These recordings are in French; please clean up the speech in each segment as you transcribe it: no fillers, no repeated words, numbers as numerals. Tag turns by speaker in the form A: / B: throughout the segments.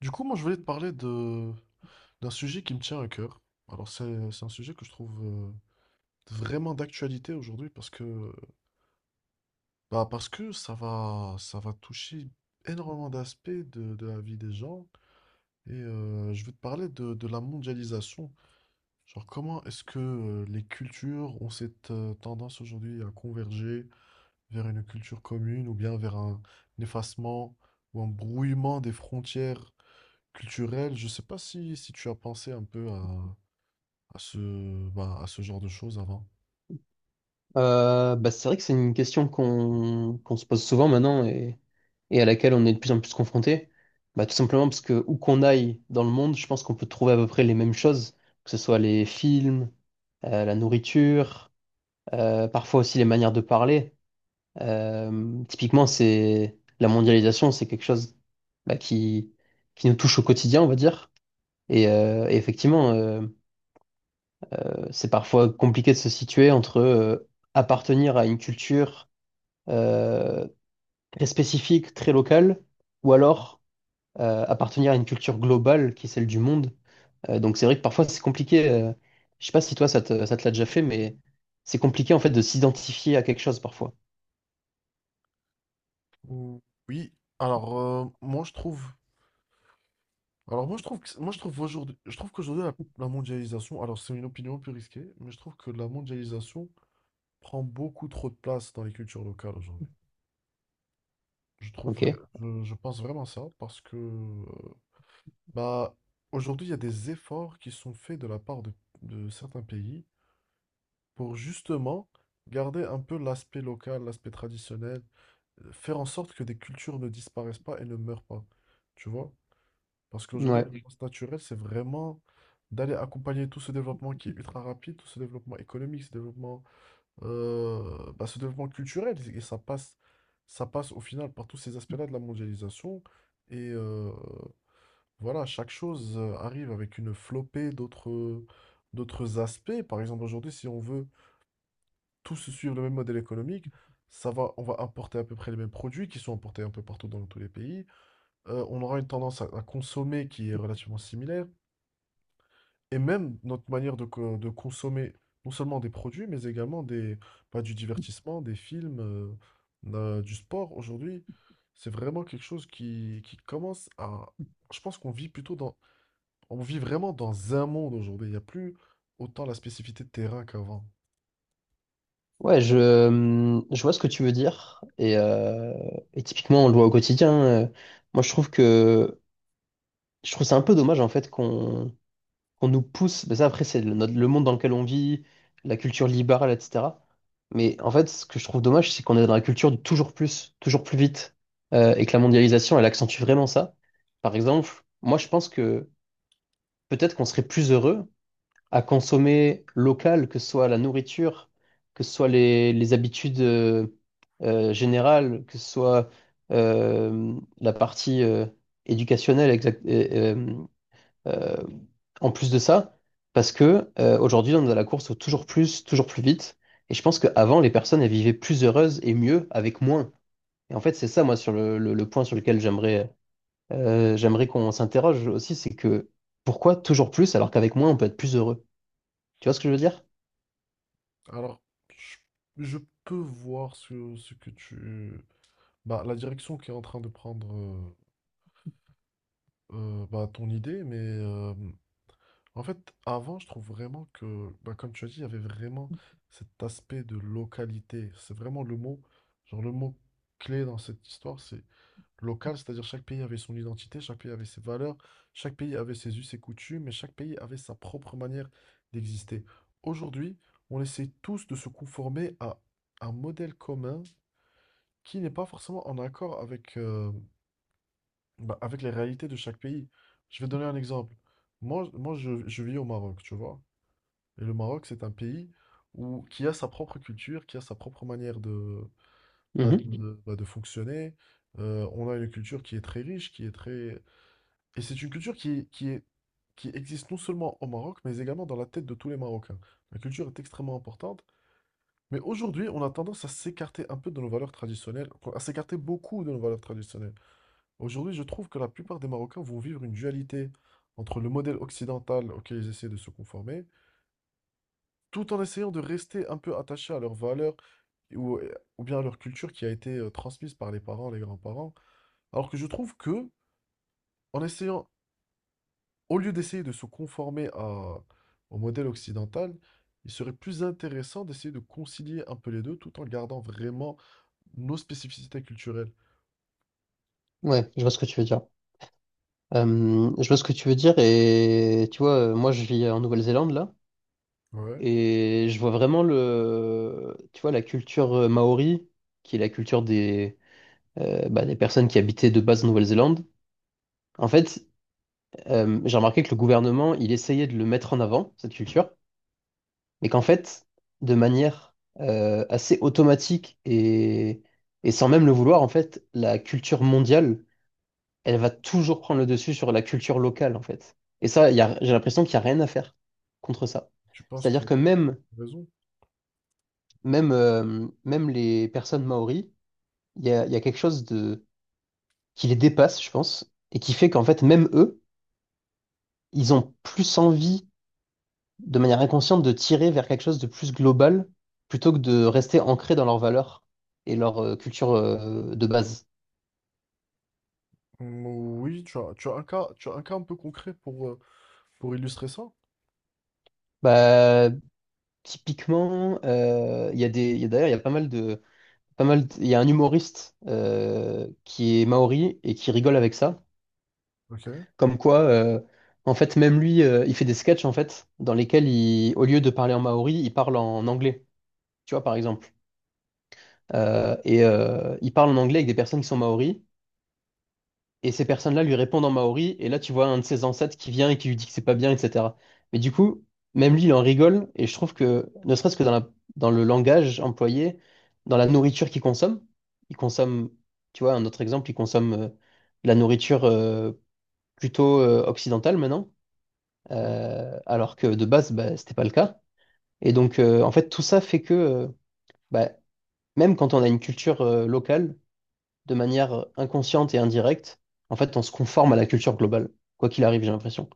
A: Du coup, moi, je voulais te parler de d'un sujet qui me tient à cœur. Alors, c'est un sujet que je trouve vraiment d'actualité aujourd'hui parce que bah, parce que ça va toucher énormément d'aspects de la vie des gens et je vais te parler de la mondialisation. Genre, comment est-ce que les cultures ont cette tendance aujourd'hui à converger vers une culture commune ou bien vers un effacement ou un brouillement des frontières culturelles? Je sais pas si tu as pensé un peu à ce, bah, à ce genre de choses avant.
B: C'est vrai que c'est une question qu'on se pose souvent maintenant et à laquelle on est de plus en plus confronté. Bah, tout simplement parce que où qu'on aille dans le monde, je pense qu'on peut trouver à peu près les mêmes choses, que ce soit les films, la nourriture, parfois aussi les manières de parler. Typiquement, c'est la mondialisation, c'est quelque chose bah, qui, qui nous touche au quotidien, on va dire. Et effectivement, c'est parfois compliqué de se situer entre appartenir à une culture euh, très spécifique, très local, ou alors appartenir à une culture globale qui est celle du monde. Donc c'est vrai que parfois c'est compliqué. Je sais pas si toi ça te l'a déjà fait, mais c'est compliqué en fait de s'identifier à quelque chose parfois.
A: Ou- Oui, alors moi je trouve, alors moi je trouve que, moi je trouve aujourd'hui, je trouve qu'aujourd'hui la mondialisation, alors c'est une opinion plus risquée, mais je trouve que la mondialisation prend beaucoup trop de place dans les cultures locales aujourd'hui. Je trouve,
B: Ok.
A: je pense vraiment ça parce que bah aujourd'hui il y a des efforts qui sont faits de la part de certains pays pour justement garder un peu l'aspect local, l'aspect traditionnel. Faire en sorte que des cultures ne disparaissent pas et ne meurent pas. Tu vois? Parce qu'aujourd'hui, la
B: Ouais.
A: Oui. réponse naturelle, c'est vraiment d'aller accompagner tout ce développement qui est ultra rapide, tout ce développement économique, ce développement, bah, ce développement culturel. Et ça passe au final par tous ces aspects-là de la mondialisation. Et voilà, chaque chose arrive avec une flopée d'autres, d'autres aspects. Par exemple, aujourd'hui, si on veut tous suivent le même modèle économique, ça va, on va importer à peu près les mêmes produits qui sont importés un peu partout dans tous les pays. On aura une tendance à consommer qui est relativement similaire. Et même notre manière de consommer non seulement des produits, mais également des, bah, du divertissement, des films, du sport aujourd'hui, c'est vraiment quelque chose qui commence à... Je pense qu'on vit plutôt dans... On vit vraiment dans un monde aujourd'hui. Il n'y a plus autant la spécificité de terrain qu'avant.
B: Ouais, je vois ce que tu veux dire. Et typiquement, on le voit au quotidien. Moi, je trouve que je trouve c'est un peu dommage en fait qu'on nous pousse. Mais ça, après, le monde dans lequel on vit, la culture libérale, etc. Mais en fait, ce que je trouve dommage, c'est qu'on est dans la culture du toujours plus vite, et que la mondialisation, elle accentue vraiment ça. Par exemple, moi, je pense que peut-être qu'on serait plus heureux à consommer local, que ce soit la nourriture, que ce soit les habitudes générales, que ce soit euh, la partie éducationnelle exact- et, euh, euh, en plus de ça, parce que aujourd'hui on est à la course au toujours plus vite, et je pense qu'avant les personnes elles vivaient plus heureuses et mieux avec moins. Et en fait c'est ça moi sur le point sur lequel j'aimerais j'aimerais qu'on s'interroge aussi, c'est que pourquoi toujours plus alors qu'avec moins on peut être plus heureux? Tu vois ce que je veux dire?
A: Alors, je, je peux voir ce, ce que tu... Bah, la direction qui est en train de prendre bah, ton idée, mais en fait, avant, je trouve vraiment que, bah, comme tu as dit, il y avait vraiment cet aspect de localité. C'est vraiment le mot, genre le mot clé dans cette histoire, c'est local, c'est-à-dire chaque pays avait son identité, chaque pays avait ses valeurs, chaque pays avait ses us et coutumes, et chaque pays avait sa propre manière d'exister. Aujourd'hui, on essaie tous de se conformer à un modèle commun qui n'est pas forcément en accord avec, bah, avec les réalités de chaque pays. Je vais donner un exemple. Moi, je vis au Maroc, tu vois. Et le Maroc, c'est un pays où, qui a sa propre culture, qui a sa propre manière bah,
B: Mhm.
A: bah, de fonctionner. On a une culture qui est très riche, qui est très, et c'est une culture qui est, qui existe non seulement au Maroc, mais également dans la tête de tous les Marocains. La culture est extrêmement importante, mais aujourd'hui, on a tendance à s'écarter un peu de nos valeurs traditionnelles, enfin, à s'écarter beaucoup de nos valeurs traditionnelles. Aujourd'hui, je trouve que la plupart des Marocains vont vivre une dualité entre le modèle occidental auquel ils essaient de se conformer, tout en essayant de rester un peu attachés à leurs valeurs ou, ou bien à leur culture qui a été transmise par les parents, les grands-parents. Alors que je trouve que, en essayant au lieu d'essayer de se conformer à- au modèle occidental, il serait plus intéressant d'essayer de concilier un peu les deux tout en gardant vraiment nos spécificités culturelles.
B: Ouais, je vois ce que tu veux dire. Je vois ce que tu veux dire et tu vois, moi je vis en Nouvelle-Zélande là
A: Ouais.
B: et je vois vraiment le, tu vois, la culture maori qui est la culture des, des personnes qui habitaient de base en Nouvelle-Zélande. En fait, j'ai remarqué que le gouvernement il essayait de le mettre en avant cette culture, mais qu'en fait, de manière assez automatique et sans même le vouloir, en fait, la culture mondiale elle va toujours prendre le dessus sur la culture locale, en fait. Et ça, j'ai l'impression qu'il n'y a rien à faire contre ça.
A: Tu penses que
B: C'est-à-dire
A: tu
B: que
A: as raison?
B: même les personnes maoris, il y a quelque chose de, qui les dépasse, je pense, et qui fait qu'en fait, même eux, ils ont plus envie, de manière inconsciente, de tirer vers quelque chose de plus global plutôt que de rester ancrés dans leurs valeurs et leur culture de base.
A: Mm, oui, tu as un cas, tu as un cas un peu concret pour illustrer ça?
B: Bah, typiquement, il y a des, il y a- d'ailleurs, il y a pas mal de pas mal. Il y a un humoriste qui est maori et qui rigole avec ça.
A: Ok.
B: Comme quoi, en fait, même lui, il fait des sketchs en fait dans lesquels au lieu de parler en maori, il parle en anglais. Tu vois, par exemple. Il parle en anglais avec des personnes qui sont maoris. Et ces personnes-là lui répondent en maori, et là tu vois un de ses ancêtres qui vient et qui lui dit que c'est pas bien, etc. Mais du coup, même lui, il en rigole, et je trouve que, ne serait-ce que dans le langage employé, dans la nourriture qu'il consomme, il consomme, tu vois, un autre exemple, il consomme de la nourriture plutôt occidentale maintenant,
A: Ouais,
B: alors que de base, bah, c'était pas le cas. Et donc, en fait, tout ça fait que, bah, même quand on a une culture locale, de manière inconsciente et indirecte, en fait, on se conforme à la culture globale, quoi qu'il arrive, j'ai l'impression.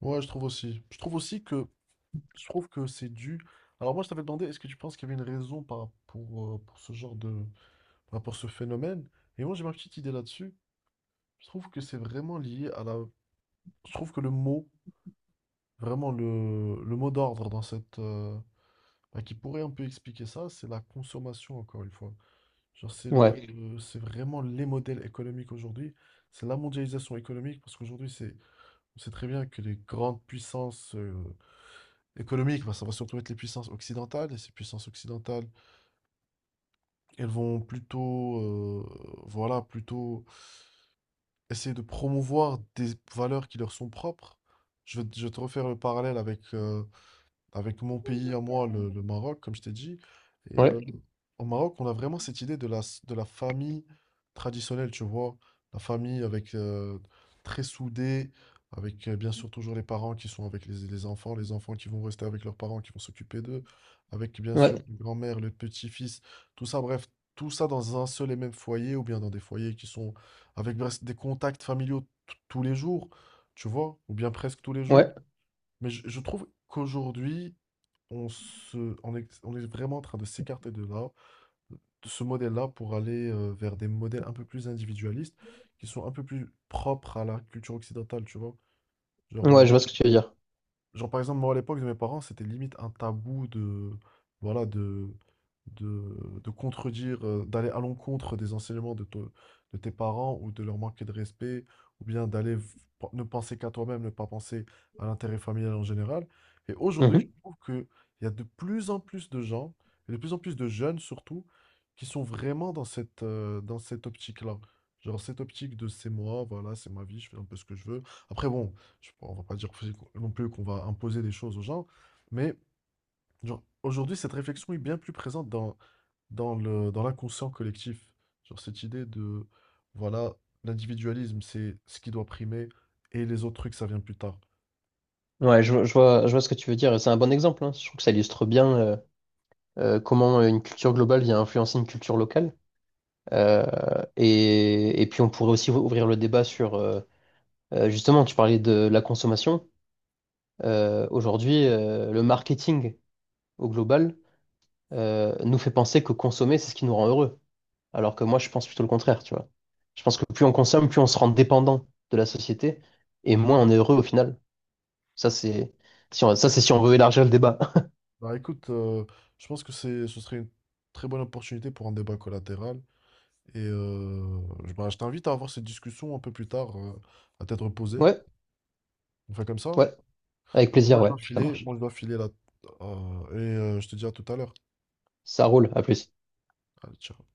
A: ouais, je trouve aussi. Je trouve aussi que je trouve que c'est dû. Alors moi, je t'avais demandé, est-ce que tu penses qu'il y avait une raison pour ce genre de, par rapport à ce phénomène? Et moi, j'ai ma petite idée là-dessus. Je trouve que c'est vraiment lié à la, je trouve que le mot, vraiment le mot d'ordre dans cette, bah, qui pourrait un peu expliquer ça, c'est la consommation, encore une fois. Genre, c'est le,
B: Ouais,
A: Mhm. le- c'est vraiment les modèles économiques aujourd'hui. C'est la mondialisation économique, parce qu'aujourd'hui, c'est, on sait très bien que les grandes puissances économiques, bah, ça va surtout être les puissances occidentales, et ces puissances occidentales, elles vont plutôt, voilà, plutôt essayer de promouvoir des valeurs qui leur sont propres. Je vais te refaire le parallèle avec avec mon pays à moi, le Maroc, comme je t'ai dit. Et
B: ouais,
A: au Maroc, on a vraiment cette idée de de la famille traditionnelle, tu vois. La famille avec très soudée, avec bien sûr toujours les parents qui sont avec les enfants qui vont rester avec leurs parents, qui vont s'occuper d'eux, avec bien
B: ouais,
A: sûr une grand-mère, le petit-fils, tout ça, bref, tout ça dans un seul et même foyer, ou bien dans des foyers qui sont avec bref, des contacts familiaux tous les jours, tu vois, ou bien presque tous les jours.
B: ouais,
A: Mais je trouve qu'aujourd'hui, on est vraiment en train de s'écarter de là, de ce modèle-là, pour aller vers des modèles un peu plus individualistes, qui sont un peu plus propres à la culture occidentale, tu vois.
B: ouais,
A: Genre,
B: je vois ce que tu veux dire.
A: genre, par exemple, moi, à l'époque de mes parents, c'était limite un tabou de, voilà, de, de contredire, d'aller à l'encontre des enseignements de, de tes parents ou de leur manquer de respect, ou bien ne penser qu'à toi-même, ne pas penser à l'intérêt familial en général. Et aujourd'hui, je
B: Mhm.
A: trouve qu'il y a de plus en plus de gens, et de plus en plus de jeunes surtout, qui sont vraiment dans cette optique-là. Genre, cette optique de c'est moi, voilà, c'est ma vie, je fais un peu ce que je veux. Après, bon on va pas dire aussi non plus qu'on va imposer des choses aux gens, mais genre, aujourd'hui, cette réflexion est bien plus présente dans le, dans l'inconscient collectif. Genre, cette idée de, voilà, l'individualisme, c'est ce qui doit primer, et les autres trucs, ça vient plus tard.
B: Ouais, je vois ce que tu veux dire. C'est un bon exemple, hein. Je trouve que ça illustre bien comment une culture globale vient influencer une culture locale. Euh, et puis, on pourrait aussi ouvrir le débat sur, justement, tu parlais de la consommation. Aujourd'hui, le marketing au global nous fait penser que consommer, c'est ce qui nous rend heureux. Alors que moi, je pense plutôt le contraire, tu vois. Je pense que plus on consomme, plus on se rend dépendant de la société et moins on est heureux au final. Ça, c'est si on, ça, c'est si on veut élargir le débat.
A: Bah écoute, je pense que c'est, ce serait une très bonne opportunité pour un débat collatéral, et je bah, je t'invite à avoir cette discussion un peu plus tard, à tête reposée.
B: Ouais,
A: On fait comme ça?
B: ouais, avec
A: Allez,
B: plaisir, ouais, ça marche.
A: moi, je dois filer là, et je te dis à tout à l'heure.
B: Ça roule, à plus.
A: Allez, ciao.